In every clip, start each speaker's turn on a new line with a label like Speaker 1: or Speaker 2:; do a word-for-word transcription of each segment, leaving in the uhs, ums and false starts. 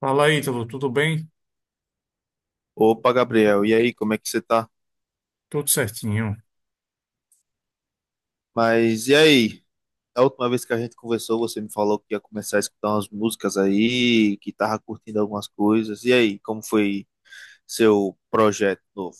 Speaker 1: Fala aí, Ítalo, tudo bem?
Speaker 2: Opa, Gabriel, e aí, como é que você tá?
Speaker 1: Tudo certinho.
Speaker 2: Mas e aí? A última vez que a gente conversou, você me falou que ia começar a escutar umas músicas aí, que tava curtindo algumas coisas. E aí, como foi seu projeto novo?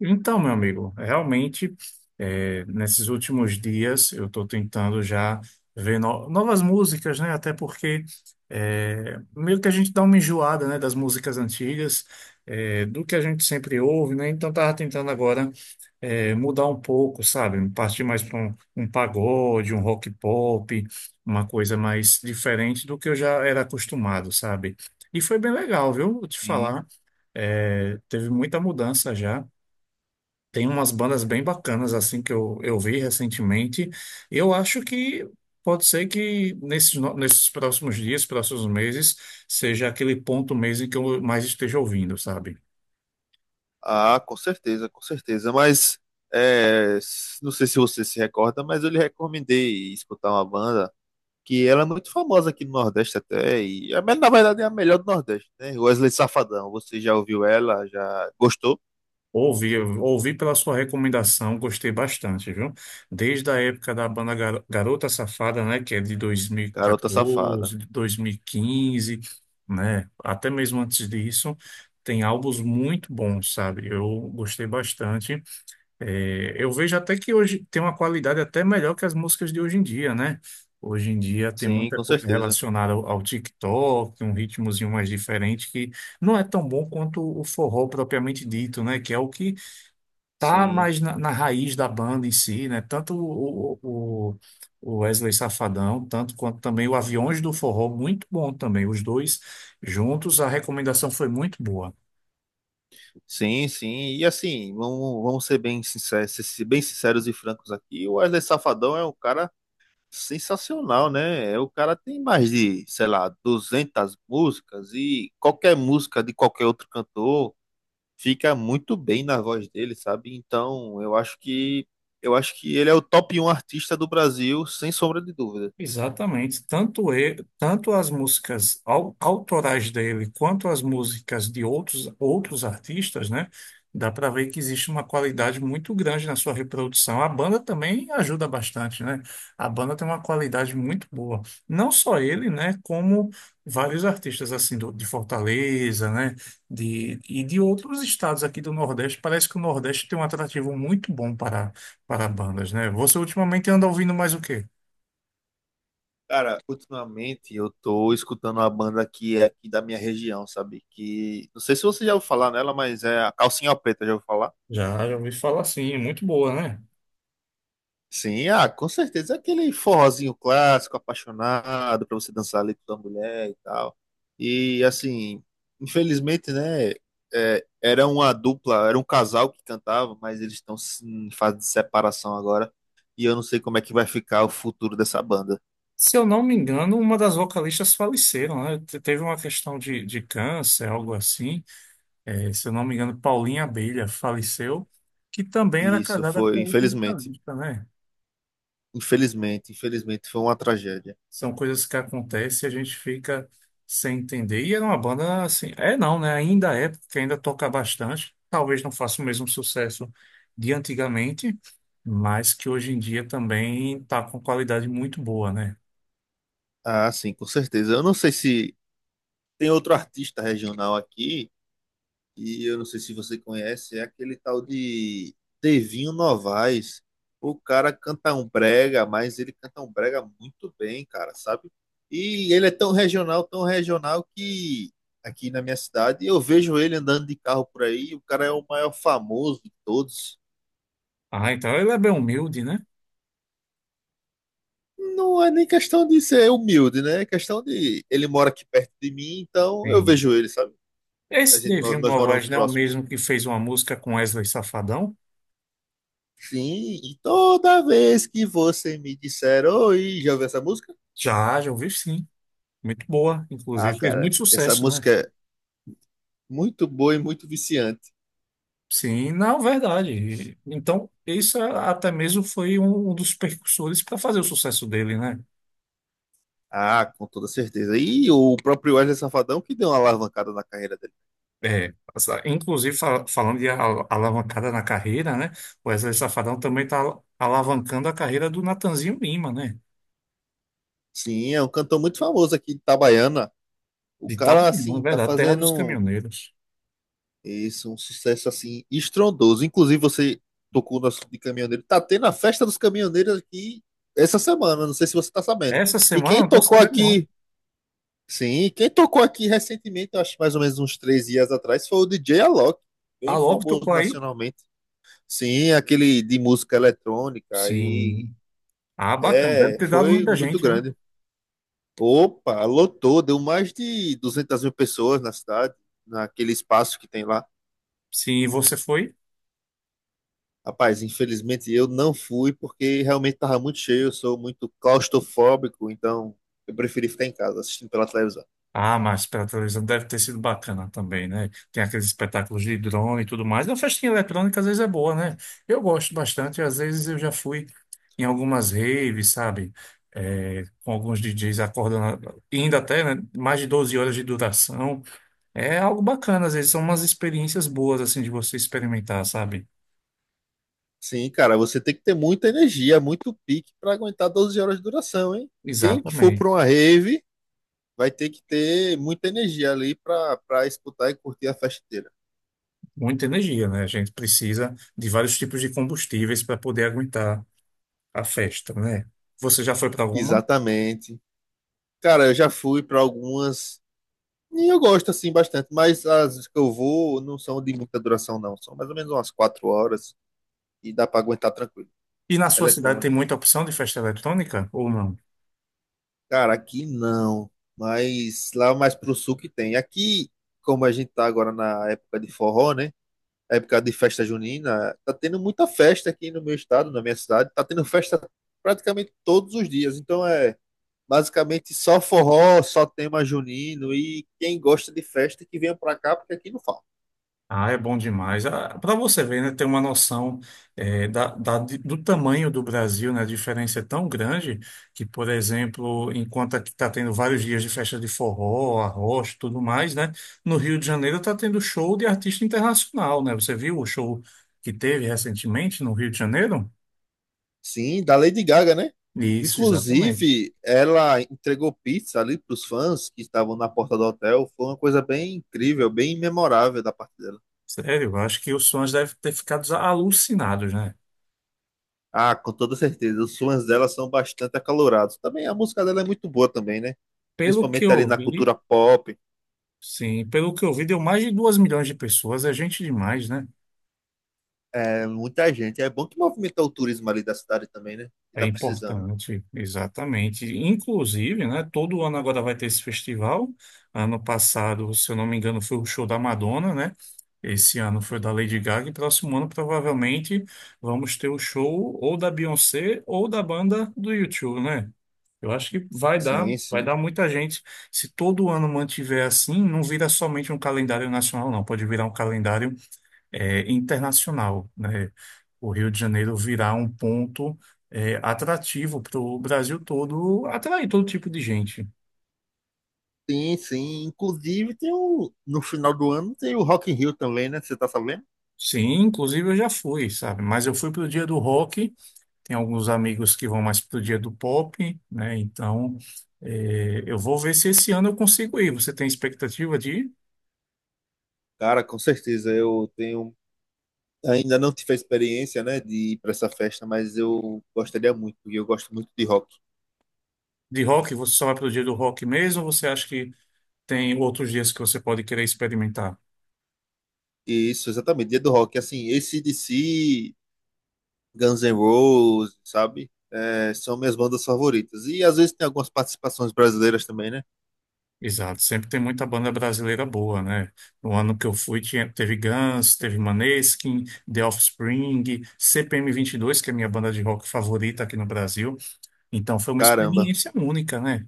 Speaker 1: Então, meu amigo, realmente, é, nesses últimos dias eu estou tentando já ver no- novas músicas, né? Até porque é, meio que a gente dá uma enjoada, né, das músicas antigas, é, do que a gente sempre ouve, né? Então, tava tentando agora é, mudar um pouco, sabe? Partir mais para um, um pagode, um rock pop, uma coisa mais diferente do que eu já era acostumado, sabe? E foi bem legal, viu? Vou te
Speaker 2: Sim.
Speaker 1: falar. É, teve muita mudança já. Tem umas bandas bem bacanas assim que eu, eu vi recentemente. Eu acho que pode ser que nesses, no- nesses próximos dias, próximos meses, seja aquele ponto mês em que eu mais esteja ouvindo, sabe?
Speaker 2: Ah, com certeza, com certeza. Mas é, s- não sei se você se recorda, mas eu lhe recomendei escutar uma banda que ela é muito famosa aqui no Nordeste até, e a me- na verdade é a melhor do Nordeste, né? Wesley Safadão. Você já ouviu ela? Já gostou?
Speaker 1: Ouvi, eu ouvi pela sua recomendação, gostei bastante, viu? Desde a época da banda Gar- Garota Safada, né, que é de
Speaker 2: Garota Safada.
Speaker 1: dois mil e quatorze, de dois mil e quinze, né, até mesmo antes disso, tem álbuns muito bons, sabe? Eu gostei bastante. É, eu vejo até que hoje tem uma qualidade até melhor que as músicas de hoje em dia, né? Hoje em dia tem
Speaker 2: Sim,
Speaker 1: muita
Speaker 2: com
Speaker 1: coisa
Speaker 2: certeza.
Speaker 1: relacionada ao, ao TikTok, um ritmozinho mais diferente que não é tão bom quanto o forró propriamente dito, né? Que é o que tá
Speaker 2: Sim,
Speaker 1: mais na, na raiz da banda em si, né? Tanto o, o, o o Wesley Safadão, tanto quanto também o Aviões do Forró, muito bom também. Os dois juntos, a recomendação foi muito boa.
Speaker 2: sim, sim. E assim, vamos, vamos ser bem sinceros, ser- si, bem sinceros e francos aqui. O Wesley Safadão é um cara sensacional, né? É, O cara tem mais de, sei lá, duzentas músicas e qualquer música de qualquer outro cantor fica muito bem na voz dele, sabe? Então, eu acho que eu acho que ele é o top um artista do Brasil, sem sombra de dúvida.
Speaker 1: Exatamente. Tanto, e, tanto as músicas au- autorais dele quanto as músicas de outros, outros artistas, né? Dá para ver que existe uma qualidade muito grande na sua reprodução. A banda também ajuda bastante, né? A banda tem uma qualidade muito boa. Não só ele, né? Como vários artistas assim do, de Fortaleza, né? De, e de outros estados aqui do Nordeste. Parece que o Nordeste tem um atrativo muito bom para, para bandas, né? Você ultimamente anda ouvindo mais o quê?
Speaker 2: Cara, ultimamente eu tô escutando uma banda que é aqui da minha região, sabe? Que não sei se você já ouviu falar nela, mas é a Calcinha Preta, já ouviu falar?
Speaker 1: Já, já ouvi falar assim, é muito boa, né?
Speaker 2: Sim, ah, com certeza. É aquele forrozinho clássico, apaixonado, pra você dançar ali com a mulher e tal. E assim, infelizmente, né? é, era uma dupla, era um casal que cantava, mas eles estão em fase de separação agora. E eu não sei como é que vai ficar o futuro dessa banda.
Speaker 1: Se eu não me engano, uma das vocalistas faleceram, né? Te- Teve uma questão de, de câncer, algo assim. É, se eu não me engano, Paulinha Abelha faleceu, que também era
Speaker 2: E isso
Speaker 1: casada com
Speaker 2: foi,
Speaker 1: outro
Speaker 2: infelizmente.
Speaker 1: vocalista, né?
Speaker 2: Infelizmente, infelizmente foi uma tragédia.
Speaker 1: São coisas que acontecem e a gente fica sem entender. E era uma banda assim, é não, né? Ainda é, porque ainda toca bastante. Talvez não faça o mesmo sucesso de antigamente, mas que hoje em dia também está com qualidade muito boa, né?
Speaker 2: Ah, sim, com certeza. Eu não sei se tem outro artista regional aqui, e eu não sei se você conhece, é aquele tal de Devinho Novaes. O cara canta um brega, mas ele canta um brega muito bem, cara, sabe? E ele é tão regional, tão regional que aqui na minha cidade eu vejo ele andando de carro por aí, o cara é o maior famoso de todos.
Speaker 1: Ah, então ele é bem humilde, né?
Speaker 2: Não é nem questão de ser humilde, né? É questão de. Ele mora aqui perto de mim, então eu
Speaker 1: Sim.
Speaker 2: vejo ele, sabe? A
Speaker 1: Esse
Speaker 2: gente, nó-
Speaker 1: Nevinho
Speaker 2: nós moramos
Speaker 1: Novaes não é o
Speaker 2: próximos.
Speaker 1: mesmo que fez uma música com Wesley Safadão?
Speaker 2: Sim, e toda vez que você me disser, oi, já ouviu essa música?
Speaker 1: Já, já ouvi sim. Muito boa.
Speaker 2: Ah,
Speaker 1: Inclusive, fez muito
Speaker 2: cara, essa
Speaker 1: sucesso, né?
Speaker 2: música é muito boa e muito viciante.
Speaker 1: Sim, não, verdade. Então, isso é, até mesmo foi um um dos percussores para fazer o sucesso dele, né?
Speaker 2: Ah, com toda certeza. E o próprio Wesley Safadão que deu uma alavancada na carreira dele.
Speaker 1: É, essa- inclusive fal- falando de al- alavancada na carreira, né? O Wesley Safadão também está alavancando a carreira do Natanzinho Lima, né?
Speaker 2: Sim, é um cantor muito famoso aqui de Itabaiana. O
Speaker 1: De
Speaker 2: cara,
Speaker 1: Itabuna, na
Speaker 2: assim, tá
Speaker 1: verdade, terra
Speaker 2: fazendo
Speaker 1: dos
Speaker 2: um
Speaker 1: caminhoneiros.
Speaker 2: isso, um sucesso assim estrondoso. Inclusive, você tocou no assunto de caminhoneiro. Tá tendo a festa dos caminhoneiros aqui essa semana, não sei se você tá sabendo.
Speaker 1: Essa
Speaker 2: E
Speaker 1: semana eu
Speaker 2: quem
Speaker 1: não estou
Speaker 2: tocou
Speaker 1: sabendo, não.
Speaker 2: aqui, sim, quem tocou aqui recentemente, eu acho mais ou menos uns três dias atrás, foi o D J Alok,
Speaker 1: Ah,
Speaker 2: bem
Speaker 1: logo
Speaker 2: famoso
Speaker 1: tocou aí?
Speaker 2: nacionalmente. Sim, aquele de música eletrônica e
Speaker 1: Sim. Ah, bacana. Deve
Speaker 2: é,
Speaker 1: ter dado
Speaker 2: foi
Speaker 1: muita
Speaker 2: muito
Speaker 1: gente, né?
Speaker 2: grande. Opa, lotou, deu mais de duzentas mil pessoas na cidade, naquele espaço que tem lá.
Speaker 1: Sim, e você foi?
Speaker 2: Rapaz, infelizmente eu não fui porque realmente estava muito cheio, eu sou muito claustrofóbico, então eu preferi ficar em casa assistindo pela televisão.
Speaker 1: Ah, mas pela televisão deve ter sido bacana também, né? Tem aqueles espetáculos de drone e tudo mais. A festinha eletrônica às vezes é boa, né? Eu gosto bastante. Às vezes eu já fui em algumas raves, sabe? É, com alguns D Js acordando, ainda até, né? Mais de doze horas de duração. É algo bacana, às vezes são umas experiências boas, assim, de você experimentar, sabe?
Speaker 2: Sim, cara, você tem que ter muita energia, muito pique para aguentar doze horas de duração, hein? Quem que for para
Speaker 1: Exatamente.
Speaker 2: uma rave vai ter que ter muita energia ali para para escutar e curtir a festa inteira.
Speaker 1: Muita energia, né? A gente precisa de vários tipos de combustíveis para poder aguentar a festa, né? Você já foi para alguma?
Speaker 2: Exatamente. Cara, eu já fui para algumas e eu gosto assim bastante, mas as que eu vou não são de muita duração não, são mais ou menos umas quatro horas e dá para aguentar tranquilo.
Speaker 1: E na sua cidade tem
Speaker 2: Eletrônicas.
Speaker 1: muita opção de festa eletrônica ou não?
Speaker 2: Cara, aqui não, mas lá mais pro sul que tem. Aqui, como a gente tá agora na época de forró, né? Época de festa junina, tá tendo muita festa aqui no meu estado, na minha cidade, tá tendo festa praticamente todos os dias. Então é basicamente só forró, só tema junino e quem gosta de festa que venha pra cá, porque aqui não falta.
Speaker 1: Ah, é bom demais. Para você ver, né, ter uma noção eh, da, da- de- do tamanho do Brasil, né? A diferença é tão grande que, por exemplo, enquanto aqui está tendo vários dias de festa de forró, arroz, tudo mais, né? No Rio de Janeiro está tendo show de artista internacional, né? Você viu o show que teve recentemente no Rio de Janeiro?
Speaker 2: Sim, da Lady Gaga, né?
Speaker 1: Isso, exatamente.
Speaker 2: Inclusive, ela entregou pizza ali para os fãs que estavam na porta do hotel. Foi uma coisa bem incrível, bem memorável da parte dela.
Speaker 1: Sério, eu acho que os fãs devem ter ficado alucinados, né?
Speaker 2: Ah, com toda certeza. Os fãs dela são bastante acalorados. Também a música dela é muito boa também, né?
Speaker 1: Pelo que
Speaker 2: Principalmente ali
Speaker 1: eu
Speaker 2: na
Speaker 1: vi,
Speaker 2: cultura pop.
Speaker 1: sim, pelo que eu vi, deu mais de duas milhões de pessoas, é gente demais, né?
Speaker 2: É muita gente. É bom que movimenta o turismo ali da cidade também, né? Que
Speaker 1: É
Speaker 2: tá precisando.
Speaker 1: importante, exatamente. Inclusive, né, todo ano agora vai ter esse festival. Ano passado, se eu não me engano, foi o show da Madonna, né? Esse ano foi o da Lady Gaga e próximo ano provavelmente vamos ter o show ou da Beyoncé ou da banda do YouTube, né? Eu acho que vai dar,
Speaker 2: Sim,
Speaker 1: vai
Speaker 2: sim.
Speaker 1: dar muita gente. Se todo ano mantiver assim, não vira somente um calendário nacional, não. Pode virar um calendário é, internacional, né? O Rio de Janeiro virá um ponto é, atrativo para o Brasil todo, atrair todo tipo de gente.
Speaker 2: Sim, sim. Inclusive tem o no final do ano tem o Rock in Rio também, né? Você tá sabendo?
Speaker 1: Sim, inclusive eu já fui, sabe? Mas eu fui para o dia do rock, tem alguns amigos que vão mais para o dia do pop, né? Então, é, eu vou ver se esse ano eu consigo ir. Você tem expectativa de ir?
Speaker 2: Cara, com certeza. Eu tenho Ainda não tive a experiência, né, de ir para essa festa, mas eu gostaria muito, porque eu gosto muito de rock.
Speaker 1: De rock? Você só vai para o dia do rock mesmo ou você acha que tem outros dias que você pode querer experimentar?
Speaker 2: E isso, exatamente, dia do rock. Assim, A C/D C, Guns N' Roses, sabe? É, são minhas bandas favoritas. E às vezes tem algumas participações brasileiras também, né?
Speaker 1: Exato, sempre tem muita banda brasileira boa, né? No ano que eu fui, tinha, teve Guns, teve Maneskin, The Offspring, C P M dois que é a minha banda de rock favorita aqui no Brasil. Então foi uma
Speaker 2: Caramba.
Speaker 1: experiência única, né?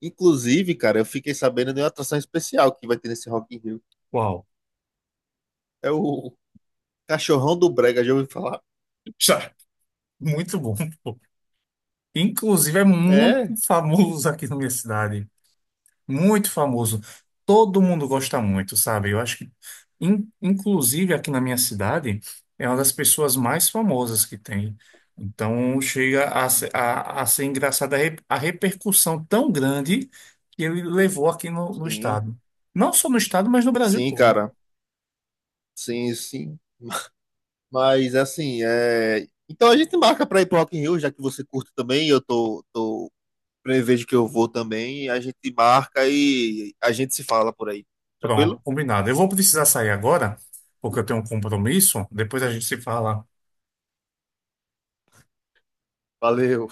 Speaker 2: Inclusive, cara, eu fiquei sabendo de uma atração especial que vai ter nesse Rock in Rio.
Speaker 1: Uau,
Speaker 2: É o Cachorrão do Brega, já ouvi falar.
Speaker 1: já, muito bom. Pô. Inclusive é muito
Speaker 2: É,
Speaker 1: famoso aqui na minha cidade. Muito famoso. Todo mundo gosta muito, sabe? Eu acho que, in- inclusive aqui na minha cidade, é uma das pessoas mais famosas que tem. Então, chega a, se- a, a ser engraçada a, re- a repercussão tão grande que ele levou aqui no, no
Speaker 2: sim,
Speaker 1: estado. Não só no estado, mas no Brasil
Speaker 2: sim,
Speaker 1: todo.
Speaker 2: cara. Sim, sim. Mas assim, é... então a gente marca para ir pro Rock in Rio, já que você curte também, eu tô, tô prevejo que eu vou também, a gente marca e a gente se fala por aí.
Speaker 1: Pronto,
Speaker 2: Tranquilo?
Speaker 1: combinado. Eu vou precisar sair agora, porque eu tenho um compromisso. Depois a gente se fala.
Speaker 2: Valeu.